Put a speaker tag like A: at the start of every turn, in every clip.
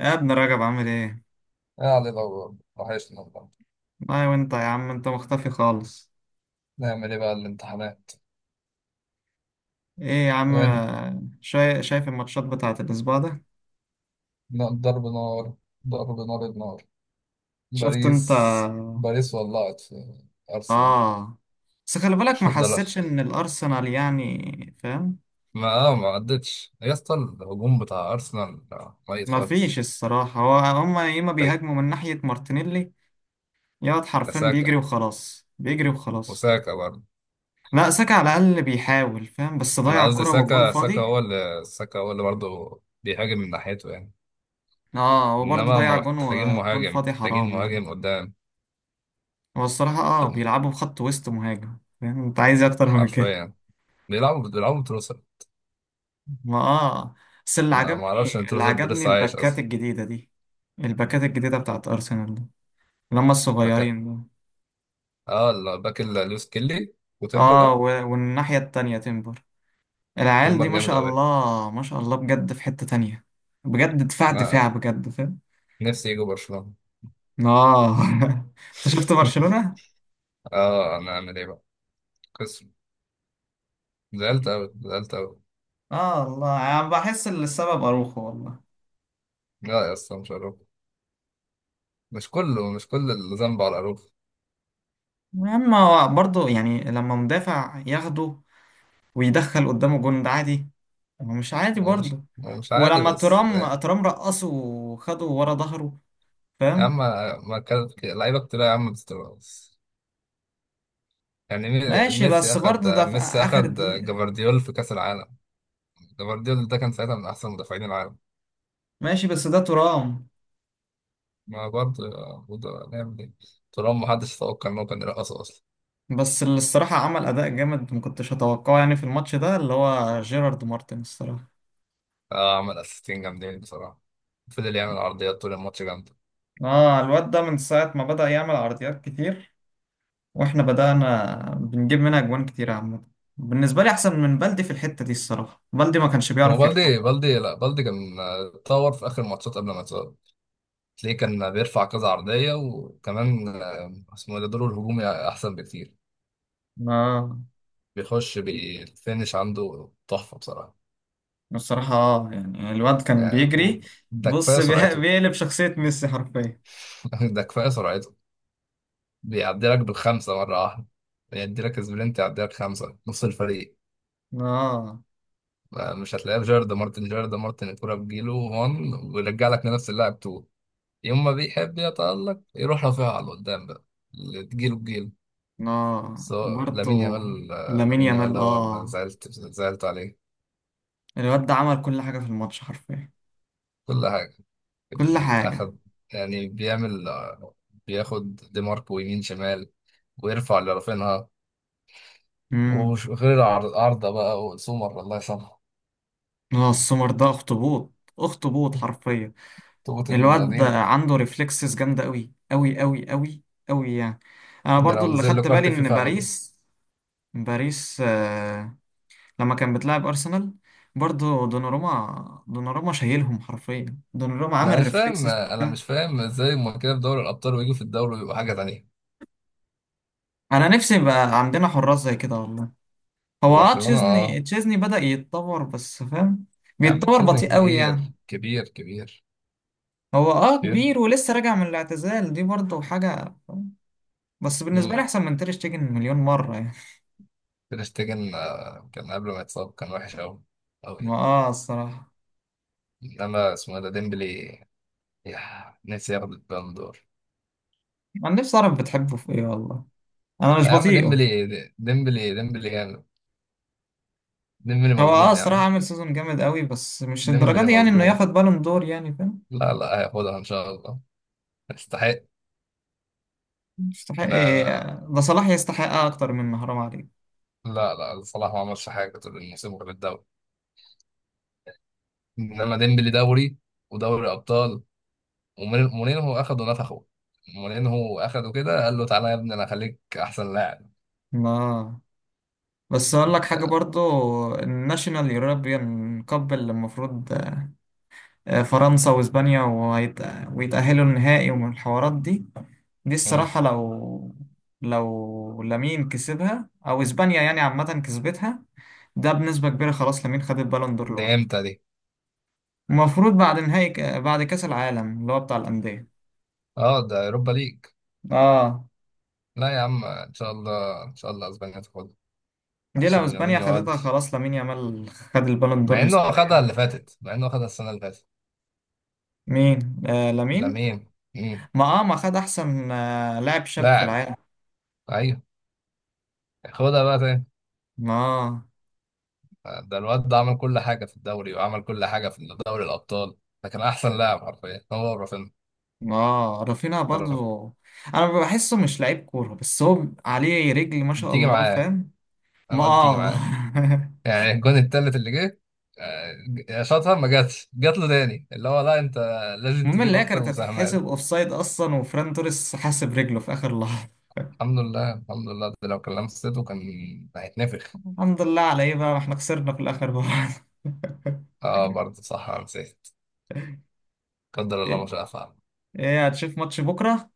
A: يا ابن رجب عامل ايه؟
B: يا علي الأول وحشنا والله.
A: والله وانت يا عم انت مختفي خالص.
B: نعمل إيه بقى الامتحانات؟
A: ايه يا عم.
B: وين؟
A: شايف الماتشات بتاعت الاسبوع ده؟
B: ضرب نار. النار.
A: شفت انت.
B: باريس ولعت في أرسنال.
A: اه، بس خلي بالك ما
B: ده لا.
A: حسيتش ان الارسنال يعني فاهم؟
B: ما عدتش يا اسطى، الهجوم بتاع أرسنال ميت
A: ما
B: خالص.
A: فيش الصراحة، هو هما يا اما
B: طيب،
A: بيهاجموا من ناحية مارتينيلي. يا واد
B: يا
A: حرفيا بيجري
B: ساكا.
A: وخلاص، بيجري وخلاص.
B: وساكا برضه.
A: لا، ساكا على الاقل بيحاول فاهم، بس
B: أنا
A: ضيع
B: قصدي
A: كرة والجون
B: ساكا،
A: فاضي.
B: ساكا هو اللي برضه بيهاجم من ناحيته يعني.
A: اه وبرضه
B: إنما
A: ضيع
B: هما
A: جون
B: محتاجين
A: والجون
B: مهاجم،
A: فاضي،
B: محتاجين
A: حرام يعني.
B: مهاجم قدام.
A: هو الصراحة اه بيلعبوا بخط وسط مهاجم، فاهم انت عايز إيه اكتر من كده.
B: حرفيا بيلعبوا.
A: ما اه بس اللي
B: ما اعرفش ان
A: عجبني،
B: تروزارد لسه عايش
A: الباكات
B: اصلا.
A: الجديدة دي. الباكات الجديدة بتاعت ارسنال دي، اللي هم
B: باك.
A: الصغيرين دول.
B: اه الباك اللي لويس كيلي
A: اه
B: وتمبر.
A: و... والناحية التانية تيمبر. العيال دي
B: تمبر
A: ما
B: جامد
A: شاء
B: قوي.
A: الله ما شاء الله بجد، في حتة تانية. بجد دفاع،
B: ما
A: بجد فاهم.
B: نفسي يجوا برشلونة.
A: اه انت شفت برشلونة؟
B: اه انا اعمل ايه بقى؟ قسم زعلت قوي.
A: اه والله انا يعني بحس ان السبب اروخو والله.
B: لا يا اسطى مش عارف. مش كل الذنب على العروف.
A: المهم هو برضه يعني، لما مدافع ياخده ويدخل قدامه جون ده عادي؟ هو مش عادي
B: هو مش
A: برضه.
B: هو مش عادي
A: ولما
B: بس.
A: ترام رقصه وخده ورا ظهره،
B: يا عم،
A: فاهم.
B: ما كانت لعيبه كتير يا عم بتستغرص. يعني
A: ماشي
B: ميسي
A: بس
B: اخد،
A: برضه ده في
B: ميسي
A: آخر
B: اخد
A: دقيقة.
B: جفارديول في كاس العالم. جفارديول ده كان ساعتها من احسن مدافعين العالم.
A: ماشي بس ده ترام.
B: ما برضه، برضه هنعمل ايه طالما محدش يتوقع ان هو كان يرقص اصلا.
A: بس اللي الصراحة عمل أداء جامد ما كنتش أتوقعه يعني في الماتش ده، اللي هو جيرارد مارتن الصراحة.
B: عمل اسيستين جامدين بصراحه. فضل يعمل عرضيات طول الماتش جامده.
A: اه الواد ده من ساعة ما بدأ يعمل عرضيات كتير، واحنا بدأنا بنجيب منها أجوان كتير عامة. بالنسبة لي أحسن من بلدي في الحتة دي الصراحة، بلدي ما كانش
B: هو
A: بيعرف يرفع.
B: بالدي بالدي لا بالدي كان اتطور في اخر الماتشات قبل ما يتصاب. تلاقيه كان بيرفع كذا عرضيه، وكمان اسمه إيه ده، دوره الهجومي احسن بكتير.
A: اه
B: بيخش بالفينش، عنده تحفه بصراحه.
A: الصراحة، اه يعني الواد كان
B: يعني هو-
A: بيجري.
B: ده
A: بص
B: كفايه سرعته.
A: بيقلب شخصية ميسي حرفيا.
B: ده كفايه سرعته. بيعدي لك بالخمسه مره واحده. يدي لك سبرنت يعدي لك خمسه نص الفريق.
A: اه.
B: مش هتلاقيه في جيرد مارتن. الكرة بتجيله 1 ويرجع لك لنفس اللاعب 2. يوم ما بيحب يتألق يروح رافعها على قدام بقى. اللي تجيله بجيله،
A: اه
B: سواء
A: برضه.
B: لامين يامال.
A: لامين
B: لامين يامال
A: يامال
B: هو اللي
A: اه.
B: زعلت عليه.
A: الواد ده عمل كل حاجة في الماتش حرفيا.
B: كل حاجة.
A: كل حاجة.
B: أخد، يعني بيعمل، بياخد دي ماركو يمين شمال ويرفع اللي رافينها.
A: امم.
B: وغير عرضة بقى، وسومر الله يسامحه.
A: اه السمر ده اخطبوط، اخطبوط حرفيا.
B: تقطة من
A: الواد ده
B: الذين.
A: عنده ريفلكسز جامدة قوي قوي يعني. انا
B: ده
A: برضو
B: لو
A: اللي
B: نزل له
A: خدت بالي
B: كارت
A: ان
B: فيفا هاخده.
A: باريس، باريس آه، لما كان بتلعب أرسنال، برضه دوناروما، شايلهم حرفيا. دوناروما عمل ريفلكسز
B: انا
A: وبتاع.
B: مش فاهم ازاي هما كده في دوري الابطال ويجوا في الدوري ويبقوا حاجه تانية.
A: أنا نفسي يبقى عندنا حراس زي كده والله.
B: في
A: هو اه
B: برشلونه
A: تشيزني،
B: اه.
A: بدأ يتطور بس فاهم.
B: يا عم
A: بيتطور
B: تشيزني
A: بطيء قوي يعني. هو اه
B: كبير.
A: كبير، ولسه راجع من الاعتزال دي برضه حاجة فاهم؟ بس بالنسبة لي
B: امم.
A: أحسن من تير شتيجن مليون مرة يعني.
B: تير شتيجن كان قبل ما يتصاب كان وحش قوي، قوي
A: ما
B: يعني.
A: اه الصراحة.
B: انما اسمه إيه ده، ديمبلي. يا، نفسي ياخد البالون دور.
A: أنا نفسي أعرف بتحبه في إيه والله. أنا مش
B: لا يا عم
A: بطيئه.
B: ديمبلي جامد. ديمبلي
A: هو اه
B: مظلوم يا
A: الصراحة
B: عم.
A: عامل سيزون جامد قوي، بس مش الدرجة
B: ديمبلي
A: دي يعني إنه
B: مظلوم.
A: ياخد بالون دور يعني فاهم.
B: لا هياخدها ان شاء الله. يستحق.
A: يستحق إيه؟
B: لا
A: ده صلاح يستحقها أكتر من، حرام عليك.
B: لا. لا صلاح ما عملش حاجه طول الموسم غير الدوري. انما ديمبلي دوري ودوري ابطال. مورينهو اخده نفخه. مورينهو اخده كده قال له تعالى يا ابني انا اخليك احسن لاعب.
A: لا، بس أقول لك حاجة
B: ده,
A: برضو. الناشونال يوروبيان كاب اللي المفروض آه، فرنسا وإسبانيا ويتأهلوا النهائي ومن الحوارات دي. دي
B: مم.
A: الصراحة لو، لو لامين كسبها أو إسبانيا يعني عامة كسبتها، ده بنسبة كبيرة خلاص لامين خد البالون دور
B: دي
A: لوحده.
B: امتى دي؟
A: المفروض بعد نهائي بعد كأس العالم اللي هو بتاع الأندية.
B: اه ده اوروبا ليج.
A: اه.
B: لا يا عم، ان شاء الله اسبانيا تاخدها.
A: دي
B: عشان
A: لو
B: لامين
A: اسبانيا خدتها،
B: يودي.
A: خلاص لامين يامال خد البالون دور مستريح.
B: مع انه اخدها السنه اللي فاتت.
A: مين؟ آه لامين.
B: لامين. مم.
A: ما خد احسن آه لاعب شاب في
B: لاعب.
A: العالم.
B: ايوه. خدها بقى تاني.
A: ما آه.
B: ده الواد ده عمل كل حاجه في الدوري، وعمل كل حاجه في دوري الابطال. ده كان احسن لاعب حرفيا، هو رافينيا.
A: ما آه، رافينها
B: ده رافينيا.
A: برضو. انا بحسه مش لعيب كوره، بس هو عليه رجل ما شاء
B: بتيجي
A: الله
B: معاه.
A: فاهم. ما
B: الواد تيجي
A: آه.
B: معاه. يعني الجون التالت اللي جه، شاطها ما جاتش، جات له تاني اللي هو لا انت لازم
A: المهم
B: تجيب
A: اللي هي
B: اكتر
A: كانت
B: مساهمات.
A: هتتحسب اوفسايد اصلا، وفران توريس حاسب رجله في اخر لحظه.
B: الحمد لله ده لو كان لمسته كان هيتنفخ.
A: الحمد لله على ايه بقى، ما احنا خسرنا في الاخر بقى.
B: اه برضه صح انا نسيت. قدر الله ما
A: ايه.
B: شاء فعل.
A: إيه، هتشوف ماتش بكره؟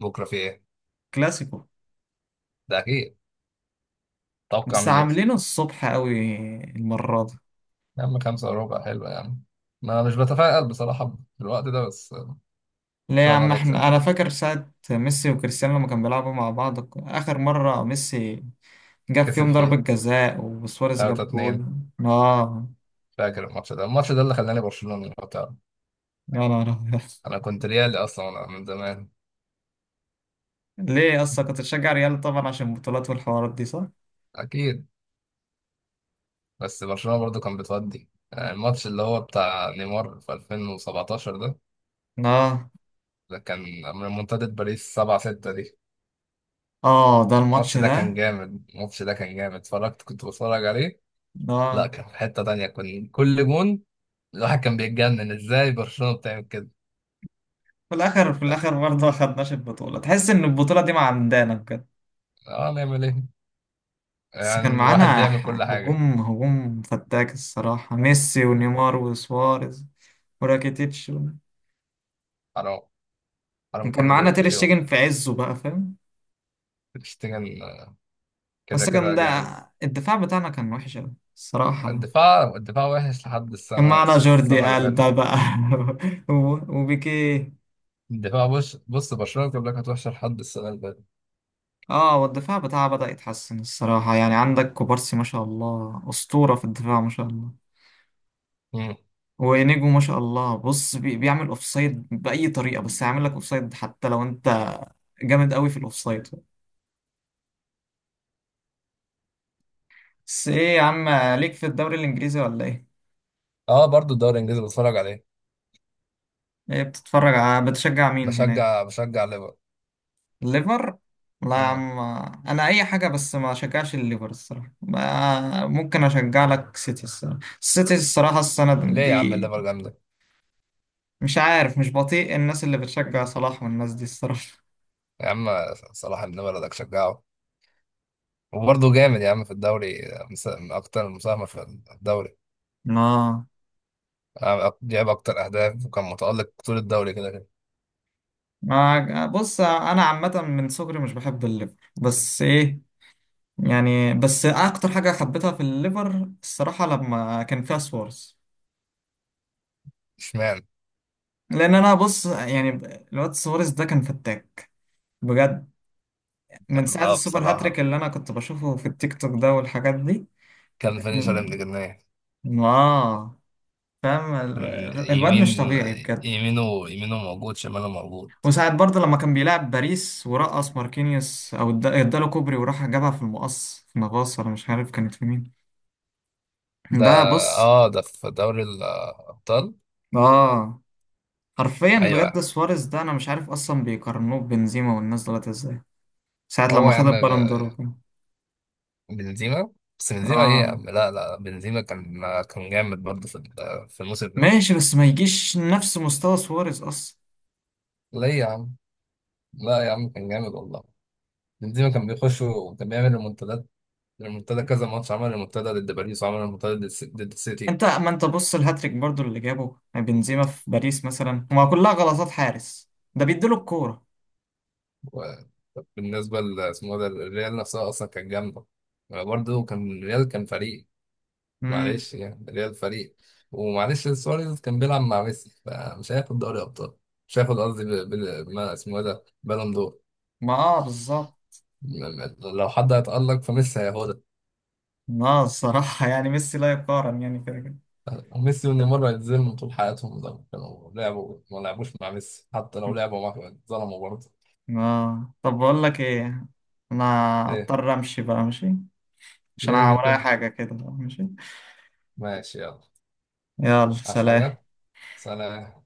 B: بكره في ايه؟
A: كلاسيكو.
B: ده اكيد. توقع
A: بس
B: مين يكسب.
A: عاملينه الصبح قوي المرة دي.
B: يا عم خمسة وربع حلوة يا عم. ما مش بتفائل بصراحة في الوقت ده، بس ان
A: ليه يا
B: شاء الله
A: عم؟
B: نكسب
A: احنا انا
B: يعني.
A: فاكر ساعة ميسي وكريستيانو لما كانوا بيلعبوا مع بعض اخر مرة، ميسي جاب
B: كسب
A: فيهم ضربة
B: فيه
A: جزاء وسواريز
B: 3
A: جاب جول.
B: 2.
A: اه.
B: فاكر الماتش ده؟ الماتش ده اللي خلاني برشلونة لو تعرف.
A: يا نهار أبيض.
B: انا كنت ريالي اصلا انا من زمان.
A: ليه؟ اصلا كنت بتشجع ريال طبعا عشان البطولات والحوارات دي صح؟
B: اكيد. بس برشلونة برضو كان بتودي، الماتش اللي هو بتاع نيمار في 2017 ده.
A: اه.
B: ده كان من منتدى باريس 7 6 دي.
A: اه ده الماتش ده.
B: الماتش ده كان جامد، اتفرجت، كنت بتفرج عليه. لا
A: اه.
B: كان في حتة تانية، كان كل جون الواحد كان بيتجنن ازاي برشلونة بتعمل كده.
A: في الاخر، في
B: لا،
A: الاخر برضه ما خدناش البطولة، تحس ان البطولة دي ما عندنا بجد.
B: اه نعمل ايه
A: بس كان
B: يعني، الواحد
A: معانا
B: بيعمل كل حاجة.
A: هجوم، فتاك الصراحة، ميسي ونيمار وسواريز وراكيتيتش و-
B: حرام، حرام
A: وكان
B: كل دول
A: معانا تير
B: يضيعوا.
A: شتيجن في عزه بقى فاهم.
B: بتشتغل. كده
A: بس كان
B: كده
A: ده،
B: جامد.
A: الدفاع بتاعنا كان وحش أوي الصراحة.
B: الدفاع وحش لحد
A: كان معانا
B: السنة
A: جوردي
B: اللي
A: ألبا
B: فاتت.
A: بقى، و- وبيكيه.
B: الدفاع. بص برشلونة بيقول لك هتوحش لحد السنة اللي فاتت.
A: اه والدفاع بتاعه بدأ يتحسن الصراحة، يعني عندك كوبارسي ما شاء الله أسطورة في الدفاع ما شاء الله.
B: مم.
A: وإنيجو ما شاء الله بص بيعمل أوفسايد بأي طريقة، بس هيعمل لك أوفسايد حتى لو أنت جامد قوي في الاوفسايد. بس ايه يا عم، ليك في الدوري الانجليزي ولا ايه؟
B: اه برضو الدوري الانجليزي بتفرج عليه.
A: ايه بتتفرج بتشجع مين هناك؟
B: بشجع ليفر.
A: الليفر؟ لا يا
B: مم.
A: عم. انا اي حاجه بس ما اشجعش الليفر الصراحه، ممكن اشجع لك سيتي الصراحه، السيتي الصراحه السنه
B: ليه يا عم
A: دي.
B: الليفر جامدة.
A: مش عارف، مش بطيء الناس اللي بتشجع صلاح والناس دي الصراحه.
B: يا عم صلاح ابن بلدك شجعه. وبرضه جامد يا عم في الدوري. من أكتر المساهمة في الدوري.
A: اه.
B: جاب أكتر أهداف، وكان متألق طول الدوري كده كده.
A: ما بص انا عامه من صغري مش بحب الليفر بس ايه، يعني بس اكتر حاجه حبيتها في الليفر الصراحه لما كان فيها سوارز.
B: اشمعنى.
A: لان انا بص يعني، الواد سواريز ده كان فتاك بجد، من
B: كان
A: ساعة
B: اه
A: السوبر هاتريك
B: بصراحة
A: اللي انا كنت بشوفه في التيك توك ده والحاجات دي.
B: كان فينيشر ابن جنيه.
A: اه. فاهم
B: كان
A: الواد مش
B: يمين.
A: طبيعي بجد.
B: يمينه موجود، شماله موجود.
A: وساعة برضه لما كان بيلعب باريس ورقص ماركينيوس او اداله كوبري وراح جابها في المقص في نافاس ولا مش عارف كانت في مين.
B: ده
A: ده بص،
B: اه، ده في دوري الأبطال.
A: اه حرفيا بجد
B: ايوه.
A: سواريز ده انا مش عارف اصلا بيقارنوه ببنزيما والناس دولت ازاي. ساعة لما
B: هو يا
A: خد
B: عم
A: البالون دور وكده.
B: بنزيما، بس بنزيما ايه يا
A: اه
B: عم. لا لا بنزيما كان جامد برضه في في الموسم ده.
A: ماشي بس ما يجيش نفس مستوى سواريز اصلا.
B: ليه يا عم؟ لا يا عم كان جامد والله. بنزيما كان بيخش وكان بيعمل ريمونتادات. ريمونتادا كذا ماتش، عمل ريمونتادا ضد باريس وعمل ريمونتادا ضد ضد السيتي.
A: انت ما انت بص، الهاتريك برضو اللي جابه بنزيما في باريس مثلا هما كلها غلطات حارس ده بيديله الكورة.
B: وبالنسبه اسمه ده الريال نفسها اصلا كانت جامده. برضه كان الريال كان فريق.
A: امم.
B: معلش يعني ريال فريق. ومعلش سواريز كان بيلعب مع ميسي، فمش هياخد دوري ابطال. مش هياخد قصدي بال... بال... ما اسمه إيه ده، بالون دور.
A: ما اه بالظبط.
B: م- لو حد هيتألق فميسي هياخدها.
A: ما آه، الصراحة يعني ميسي لا يقارن يعني كده كده.
B: وميسي ونيمار هيتظلموا طول حياتهم لو كانوا لعبوا. ما لعبوش مع ميسي حتى لو لعبوا معاه اتظلموا برضه.
A: اه، طب بقول لك ايه، انا
B: ليه؟
A: اضطر امشي بقى ماشي، عشان أنا
B: ليه
A: ورايا
B: كده؟
A: حاجة كده ماشي.
B: ماشي يلا.
A: يلا
B: عايز
A: سلام.
B: حاجة؟ سلام.